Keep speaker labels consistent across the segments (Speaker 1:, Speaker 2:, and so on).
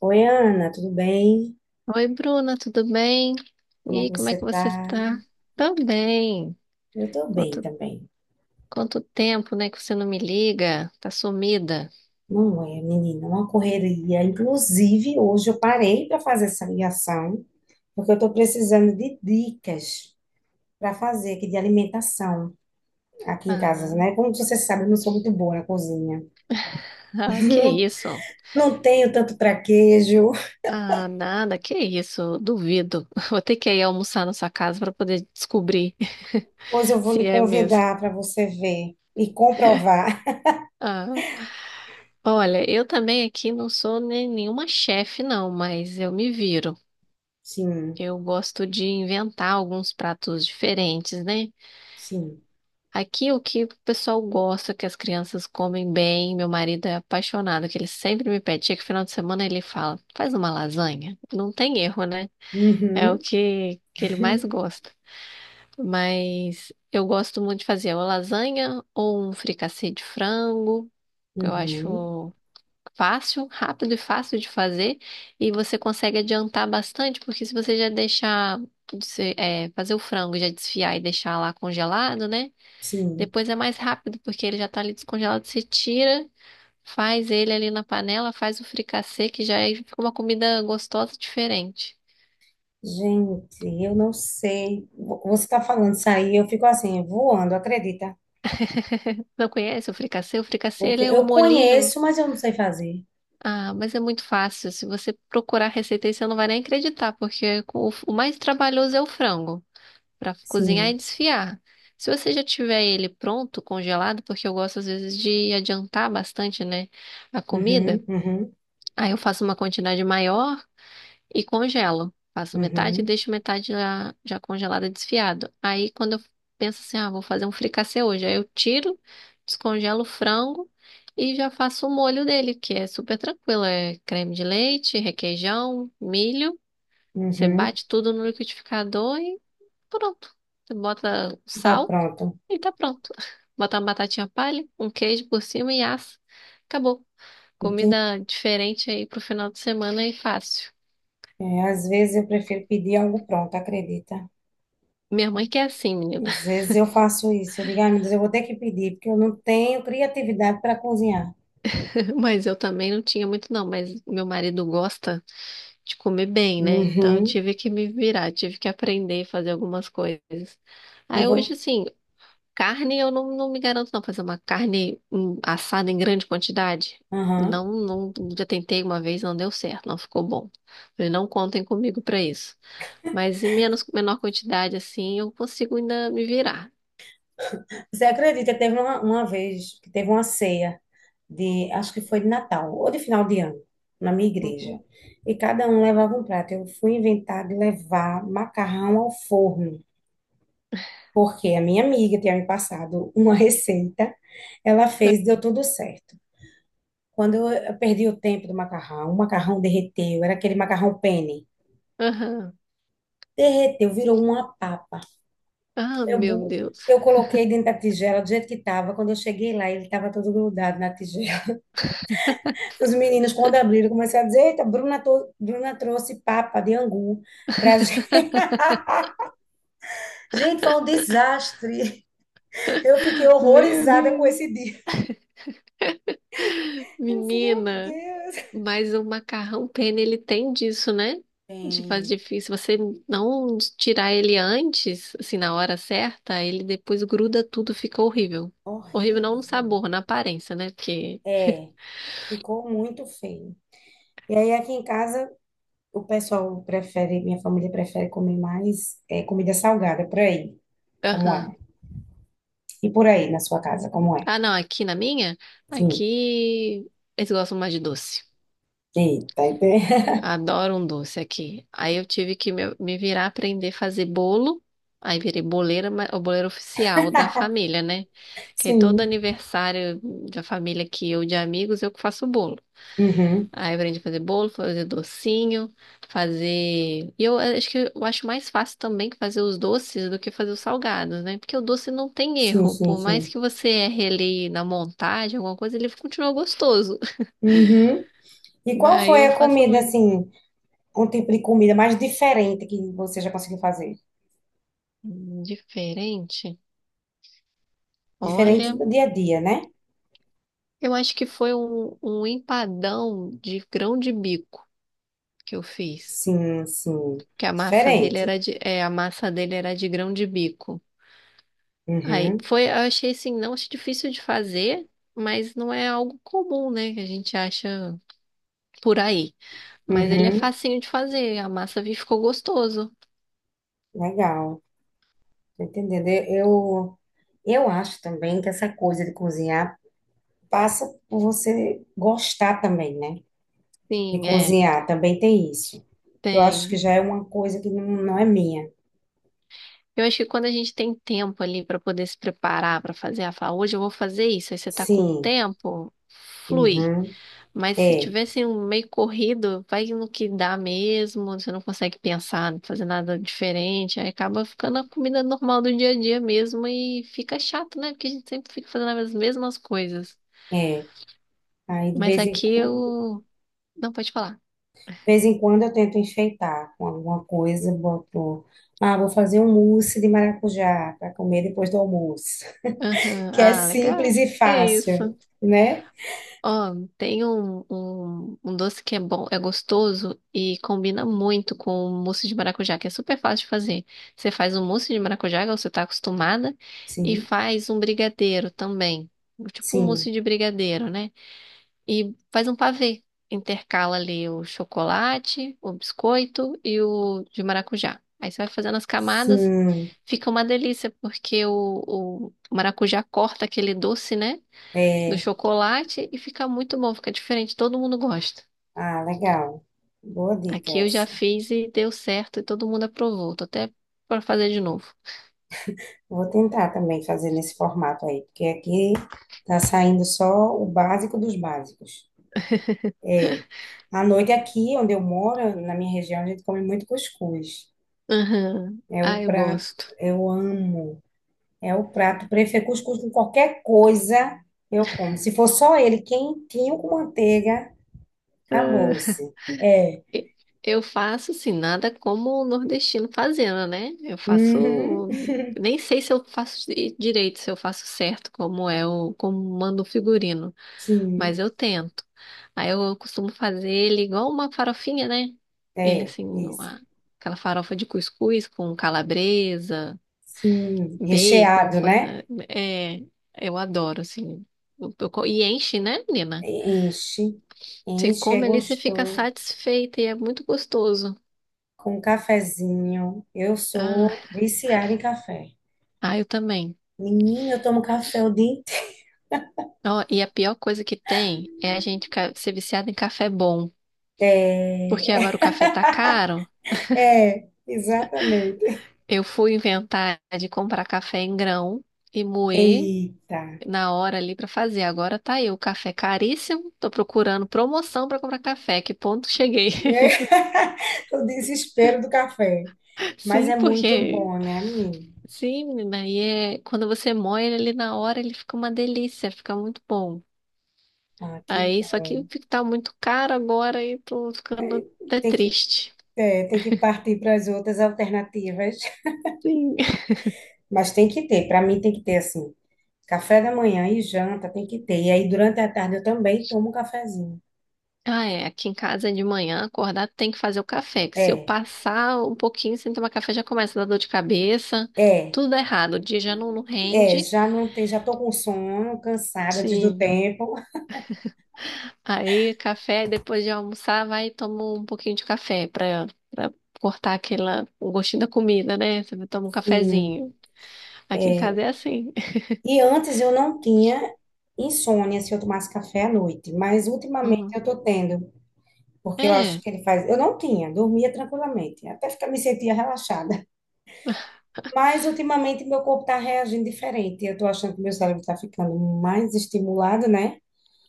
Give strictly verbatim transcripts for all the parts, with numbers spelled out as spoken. Speaker 1: Oi, Ana, tudo bem?
Speaker 2: Oi, Bruna, tudo bem? E
Speaker 1: Como é que
Speaker 2: aí, como é que
Speaker 1: você
Speaker 2: você
Speaker 1: tá?
Speaker 2: está? Também.
Speaker 1: Eu tô bem
Speaker 2: Quanto,
Speaker 1: também.
Speaker 2: quanto tempo, né, que você não me liga? Tá sumida.
Speaker 1: Não é, menina, uma correria. Inclusive, hoje eu parei para fazer essa ligação, porque eu tô precisando de dicas para fazer aqui de alimentação aqui em casa,
Speaker 2: Ah,
Speaker 1: né? Como você sabe, eu não sou muito boa na cozinha.
Speaker 2: ah, que
Speaker 1: Não,
Speaker 2: isso?
Speaker 1: não tenho tanto traquejo.
Speaker 2: Ah, nada, que isso? Duvido. Vou ter que ir almoçar na sua casa para poder descobrir
Speaker 1: Pois eu vou
Speaker 2: se
Speaker 1: lhe
Speaker 2: é mesmo.
Speaker 1: convidar para você ver e comprovar.
Speaker 2: Ah, olha, eu também aqui não sou nem nenhuma chefe, não, mas eu me viro.
Speaker 1: Sim,
Speaker 2: Eu gosto de inventar alguns pratos diferentes, né?
Speaker 1: sim.
Speaker 2: Aqui o que o pessoal gosta, que as crianças comem bem, meu marido é apaixonado, que ele sempre me pede, chega final de semana ele fala, faz uma lasanha. Não tem erro, né? É o
Speaker 1: Uhum,
Speaker 2: que, que ele mais gosta. Mas eu gosto muito de fazer uma lasanha ou um fricassê de frango, que eu
Speaker 1: uhum,
Speaker 2: acho fácil, rápido e fácil de fazer, e você consegue adiantar bastante, porque se você já deixar, de ser- é, fazer o frango, e já desfiar e deixar lá congelado, né?
Speaker 1: sim.
Speaker 2: Depois é mais rápido, porque ele já tá ali descongelado. Você tira, faz ele ali na panela, faz o fricassê, que já é- fica uma comida gostosa diferente.
Speaker 1: Gente, eu não sei. Vo- Você está falando isso aí, eu fico assim, voando, acredita?
Speaker 2: Não conhece o fricassê? O fricassê,
Speaker 1: Porque
Speaker 2: ele é um
Speaker 1: eu
Speaker 2: molinho.
Speaker 1: conheço, mas eu não sei fazer.
Speaker 2: Ah, mas é muito fácil. Se você procurar a receita aí, você não vai nem acreditar, porque o, o mais trabalhoso é o frango, para cozinhar e
Speaker 1: Sim.
Speaker 2: desfiar. Se você já tiver ele pronto, congelado, porque eu gosto às vezes de adiantar bastante, né, a comida,
Speaker 1: Uhum, uhum,
Speaker 2: aí eu faço uma quantidade maior e congelo. Faço metade e
Speaker 1: uhum,
Speaker 2: deixo metade já, já congelada, desfiado. Aí quando eu penso assim, ah, vou fazer um fricassê hoje, aí eu tiro, descongelo o frango e já faço o molho dele, que é super tranquilo. É creme de leite, requeijão, milho. Você
Speaker 1: uhum.
Speaker 2: bate tudo no liquidificador e pronto. Você bota
Speaker 1: Tá
Speaker 2: sal
Speaker 1: pronto.
Speaker 2: e tá pronto. Bota uma batatinha palha, um queijo por cima e assa. Acabou.
Speaker 1: Entendi.
Speaker 2: Comida diferente aí pro final de semana e fácil.
Speaker 1: É, às vezes eu prefiro pedir algo pronto, acredita?
Speaker 2: Minha mãe que é assim, menina.
Speaker 1: Às vezes eu faço isso. Eu digo, ai, meu Deus, eu vou ter que pedir, porque eu não tenho criatividade para cozinhar.
Speaker 2: Mas eu também não tinha muito, não. Mas meu marido gosta de comer bem, né? Então eu
Speaker 1: Uhum.
Speaker 2: tive que me virar, tive que aprender a fazer algumas coisas.
Speaker 1: E
Speaker 2: Aí hoje,
Speaker 1: vou.
Speaker 2: assim, carne eu não, não me garanto, não. Fazer uma carne hum, assada em grande quantidade.
Speaker 1: Aham.
Speaker 2: Não, não, já tentei uma vez, não deu certo, não ficou bom. Falei, não contem comigo pra isso. Mas em menos, menor quantidade, assim, eu consigo ainda me virar.
Speaker 1: Você acredita, que teve uma, uma vez que teve uma ceia de, acho que foi de Natal ou de final de ano, na minha igreja.
Speaker 2: Uhum.
Speaker 1: E cada um levava um prato. Eu fui inventar de levar macarrão ao forno, porque a minha amiga tinha me passado uma receita, ela fez, deu tudo certo. Quando eu eu perdi o tempo do macarrão, o macarrão derreteu, era aquele macarrão penne.
Speaker 2: Aham.
Speaker 1: Derreteu, virou uma papa.
Speaker 2: Ah,
Speaker 1: Eu,
Speaker 2: meu
Speaker 1: bu-
Speaker 2: Deus.
Speaker 1: eu coloquei dentro da tigela do jeito que estava. Quando eu cheguei lá, ele estava todo grudado na tigela. Os meninos, quando abriram, começaram a dizer: Eita, Bruna, to- Bruna trouxe papa de angu pra gente. Gente, foi um desastre. Eu fiquei
Speaker 2: Meu
Speaker 1: horrorizada com
Speaker 2: Deus.
Speaker 1: esse dia. Eu disse, meu
Speaker 2: Menina.
Speaker 1: Deus.
Speaker 2: Mas o macarrão penne, ele tem disso, né? De
Speaker 1: Bem,
Speaker 2: fazer difícil. Se você não tirar ele antes, assim, na hora certa, ele depois gruda tudo, fica horrível. Horrível não no
Speaker 1: horrível.
Speaker 2: sabor, na aparência, né? Porque.
Speaker 1: É, ficou muito feio. E aí, aqui em casa, o pessoal prefere, minha família prefere comer mais é, comida salgada, por aí, como é.
Speaker 2: Aham.
Speaker 1: E por aí, na sua casa, como é.
Speaker 2: Ah, não, aqui na minha,
Speaker 1: Sim.
Speaker 2: aqui eles gostam mais de doce.
Speaker 1: Eita, ente-
Speaker 2: Adoro um doce aqui. Aí eu tive que me, me virar aprender a fazer bolo. Aí virei boleira, ma- o boleiro oficial da família, né? Que aí todo
Speaker 1: sim.
Speaker 2: aniversário da família aqui ou de amigos, eu que faço bolo.
Speaker 1: Uhum.
Speaker 2: Aí eu aprendi a fazer bolo, fazer docinho, fazer. E eu eh, acho que eu acho mais fácil também que fazer os doces do que fazer os salgados, né? Porque o doce não tem
Speaker 1: Sim,
Speaker 2: erro.
Speaker 1: sim,
Speaker 2: Por mais
Speaker 1: sim.
Speaker 2: que você erre ali na montagem, alguma coisa, ele continua gostoso.
Speaker 1: Uhum. E
Speaker 2: Mas
Speaker 1: qual
Speaker 2: aí
Speaker 1: foi
Speaker 2: eu
Speaker 1: a
Speaker 2: faço um
Speaker 1: comida, assim, um tipo de comida mais diferente que você já conseguiu fazer?
Speaker 2: diferente.
Speaker 1: Diferente
Speaker 2: Olha,
Speaker 1: do dia a dia, né?
Speaker 2: eu acho que foi um, um empadão de grão de bico que eu fiz.
Speaker 1: Sim, sim.
Speaker 2: Que a massa dele
Speaker 1: Diferente.
Speaker 2: era de, é, a massa dele era de grão de bico. Aí
Speaker 1: Uhum,
Speaker 2: foi, eu achei assim, não achei difícil de fazer, mas não é algo comum, né? Que a gente acha por aí. Mas ele é
Speaker 1: uhum.
Speaker 2: facinho de fazer, a massa vi- ficou gostoso.
Speaker 1: Legal. Tô entendendo. Eu, eu acho também que essa coisa de cozinhar passa por você gostar também, né? De
Speaker 2: Sim, é,
Speaker 1: cozinhar. Também tem isso. Que eu acho que
Speaker 2: tem.
Speaker 1: já é uma coisa que não, não é minha.
Speaker 2: Eu acho que quando a gente tem tempo ali para poder se preparar para fazer, a falar, hoje eu vou fazer isso, aí você tá com
Speaker 1: Sim.
Speaker 2: tempo, flui.
Speaker 1: Uhum.
Speaker 2: Mas se
Speaker 1: É,
Speaker 2: tivesse um meio corrido, vai no que dá mesmo, você não consegue pensar, não fazer nada diferente, aí acaba ficando a comida normal do dia a dia mesmo e fica chato, né? Porque a gente sempre fica fazendo as mesmas coisas.
Speaker 1: é. Aí de
Speaker 2: Mas
Speaker 1: vez em
Speaker 2: aqui
Speaker 1: quando.
Speaker 2: eu. Não, pode falar.
Speaker 1: De vez em quando eu tento enfeitar com alguma coisa, boto, ah, vou fazer um mousse de maracujá para comer depois do almoço,
Speaker 2: Aham.
Speaker 1: que é
Speaker 2: Ah,
Speaker 1: simples
Speaker 2: legal.
Speaker 1: e
Speaker 2: É isso.
Speaker 1: fácil, né?
Speaker 2: Ó, tem um, um, um doce que é bom, é gostoso e combina muito com o mousse de maracujá, que é super fácil de fazer. Você faz um mousse de maracujá, igual você tá acostumada, e
Speaker 1: Sim,
Speaker 2: faz um brigadeiro também. Tipo um
Speaker 1: sim,
Speaker 2: mousse de brigadeiro, né? E faz um pavê. Intercala ali o chocolate, o biscoito e o de maracujá. Aí você vai fazendo as camadas,
Speaker 1: sim,
Speaker 2: fica uma delícia, porque o, o maracujá corta aquele doce, né? Do
Speaker 1: é,
Speaker 2: chocolate e fica muito bom, fica diferente, todo mundo gosta.
Speaker 1: ah, legal, boa dica
Speaker 2: Aqui eu já
Speaker 1: essa.
Speaker 2: fiz e deu certo e todo mundo aprovou. Tô até para fazer de novo.
Speaker 1: Vou tentar também fazer nesse formato aí, porque aqui tá saindo só o básico dos básicos. É, à noite aqui onde eu moro, na minha região, a gente come muito cuscuz.
Speaker 2: Aham.
Speaker 1: É o
Speaker 2: Ah, eu
Speaker 1: prato,
Speaker 2: gosto.
Speaker 1: eu amo. É o prato preferido. Cuscuz com qualquer coisa eu como. Se for só ele quentinho com manteiga, acabou-se. É.
Speaker 2: E- Eu faço assim, nada como o nordestino fazendo, né? Eu
Speaker 1: Uhum.
Speaker 2: faço, nem sei se eu faço di- direito, se eu faço certo como é o como manda o figurino, mas
Speaker 1: Sim.
Speaker 2: eu tento. Aí eu costumo fazer ele igual uma farofinha, né? Ele
Speaker 1: É,
Speaker 2: assim,
Speaker 1: isso.
Speaker 2: uma- aquela farofa de cuscuz com calabresa, bacon,
Speaker 1: Recheado,
Speaker 2: fa-
Speaker 1: né?
Speaker 2: é, eu adoro, assim. Eu- eu co- E enche, né, menina?
Speaker 1: Enche.
Speaker 2: Você
Speaker 1: Enche, é
Speaker 2: come ali, você fica
Speaker 1: gostoso.
Speaker 2: satisfeita e é muito gostoso.
Speaker 1: Com um cafezinho. Eu sou
Speaker 2: Ah,
Speaker 1: viciada em café.
Speaker 2: ah, eu também.
Speaker 1: Menina, eu tomo café o dia inteiro.
Speaker 2: Ó, e a pior coisa que tem é a gente ficar- ser viciado em café bom. Porque agora o café tá caro.
Speaker 1: É, é, exatamente.
Speaker 2: Eu fui inventar de comprar café em grão e moer
Speaker 1: Eita.
Speaker 2: na hora ali pra fazer. Agora tá aí o café caríssimo. Tô procurando promoção pra comprar café. Que ponto cheguei?
Speaker 1: O desespero do café. Mas
Speaker 2: Sim,
Speaker 1: é muito
Speaker 2: porque
Speaker 1: bom, né, menino?
Speaker 2: sim, menina, aí é, quando você moe ele ali na hora, ele fica uma delícia, fica muito bom.
Speaker 1: Ah, que
Speaker 2: Aí, só
Speaker 1: bom.
Speaker 2: que fica- tá muito caro agora e tô ficando até
Speaker 1: Tem que,
Speaker 2: triste.
Speaker 1: é, tem que partir para as outras alternativas.
Speaker 2: Sim.
Speaker 1: Mas tem que ter, para mim tem que ter assim. Café da manhã e janta tem que ter. E aí durante a tarde eu também tomo um cafezinho.
Speaker 2: Ah, é, aqui em casa de manhã, acordar tem que fazer o café, que se eu
Speaker 1: É,
Speaker 2: passar um pouquinho sem tomar café já começa a dar dor de cabeça,
Speaker 1: é,
Speaker 2: tudo dá errado, o dia já não, não
Speaker 1: é,
Speaker 2: rende.
Speaker 1: já não tem, já tô com sono, cansada antes do
Speaker 2: Sim.
Speaker 1: tempo.
Speaker 2: Aí, café, depois de almoçar, vai e toma um pouquinho de café pra, pra cortar aquela, o gostinho da comida, né? Você toma um
Speaker 1: Sim.
Speaker 2: cafezinho. Aqui em casa é assim.
Speaker 1: E antes eu não tinha insônia se eu tomasse café à noite, mas ultimamente
Speaker 2: Uhum.
Speaker 1: eu tô tendo. Porque eu acho
Speaker 2: É,
Speaker 1: que ele faz. Eu não tinha, dormia tranquilamente, até ficar, me sentia relaxada. Mas ultimamente meu corpo está reagindo diferente. Eu estou achando que meu cérebro está ficando mais estimulado, né?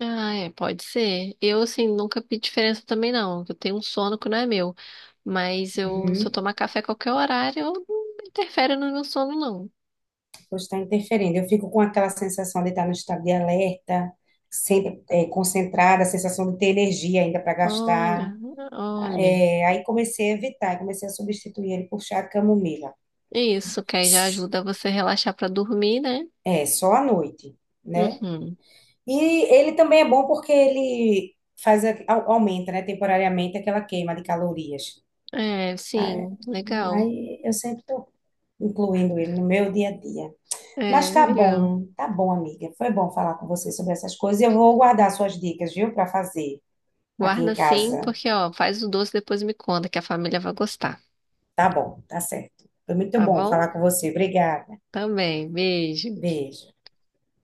Speaker 2: ah, é, pode ser. Eu, assim, nunca vi diferença também, não. Eu tenho um sono que não é meu. Mas eu, se eu
Speaker 1: Uhum.
Speaker 2: tomar café a qualquer horário, eu não interfere no meu sono, não.
Speaker 1: Pois está interferindo. Eu fico com aquela sensação de estar no estado de alerta, sempre é, concentrada, a sensação de ter energia ainda para gastar.
Speaker 2: Olha, olha.
Speaker 1: É, aí comecei a evitar, comecei a substituir ele por chá de camomila.
Speaker 2: Isso, que aí já ajuda você a relaxar pra dormir, né?
Speaker 1: É, só à noite, né?
Speaker 2: Uhum.
Speaker 1: E ele também é bom porque ele faz, a- au- aumenta, né, temporariamente aquela queima de calorias.
Speaker 2: É,
Speaker 1: Aí,
Speaker 2: sim, legal.
Speaker 1: aí eu sempre estou incluindo ele no meu dia a dia. Mas
Speaker 2: É,
Speaker 1: tá
Speaker 2: legal.
Speaker 1: bom, tá bom, amiga. Foi bom falar com você sobre essas coisas. E eu vou guardar suas dicas, viu, para fazer aqui
Speaker 2: Guarda
Speaker 1: em
Speaker 2: sim,
Speaker 1: casa.
Speaker 2: porque, ó, faz o doce e depois me conta que a família vai gostar,
Speaker 1: Tá bom, tá certo. Foi muito
Speaker 2: tá
Speaker 1: bom
Speaker 2: bom?
Speaker 1: falar com você. Obrigada.
Speaker 2: Também, beijo.
Speaker 1: Beijo.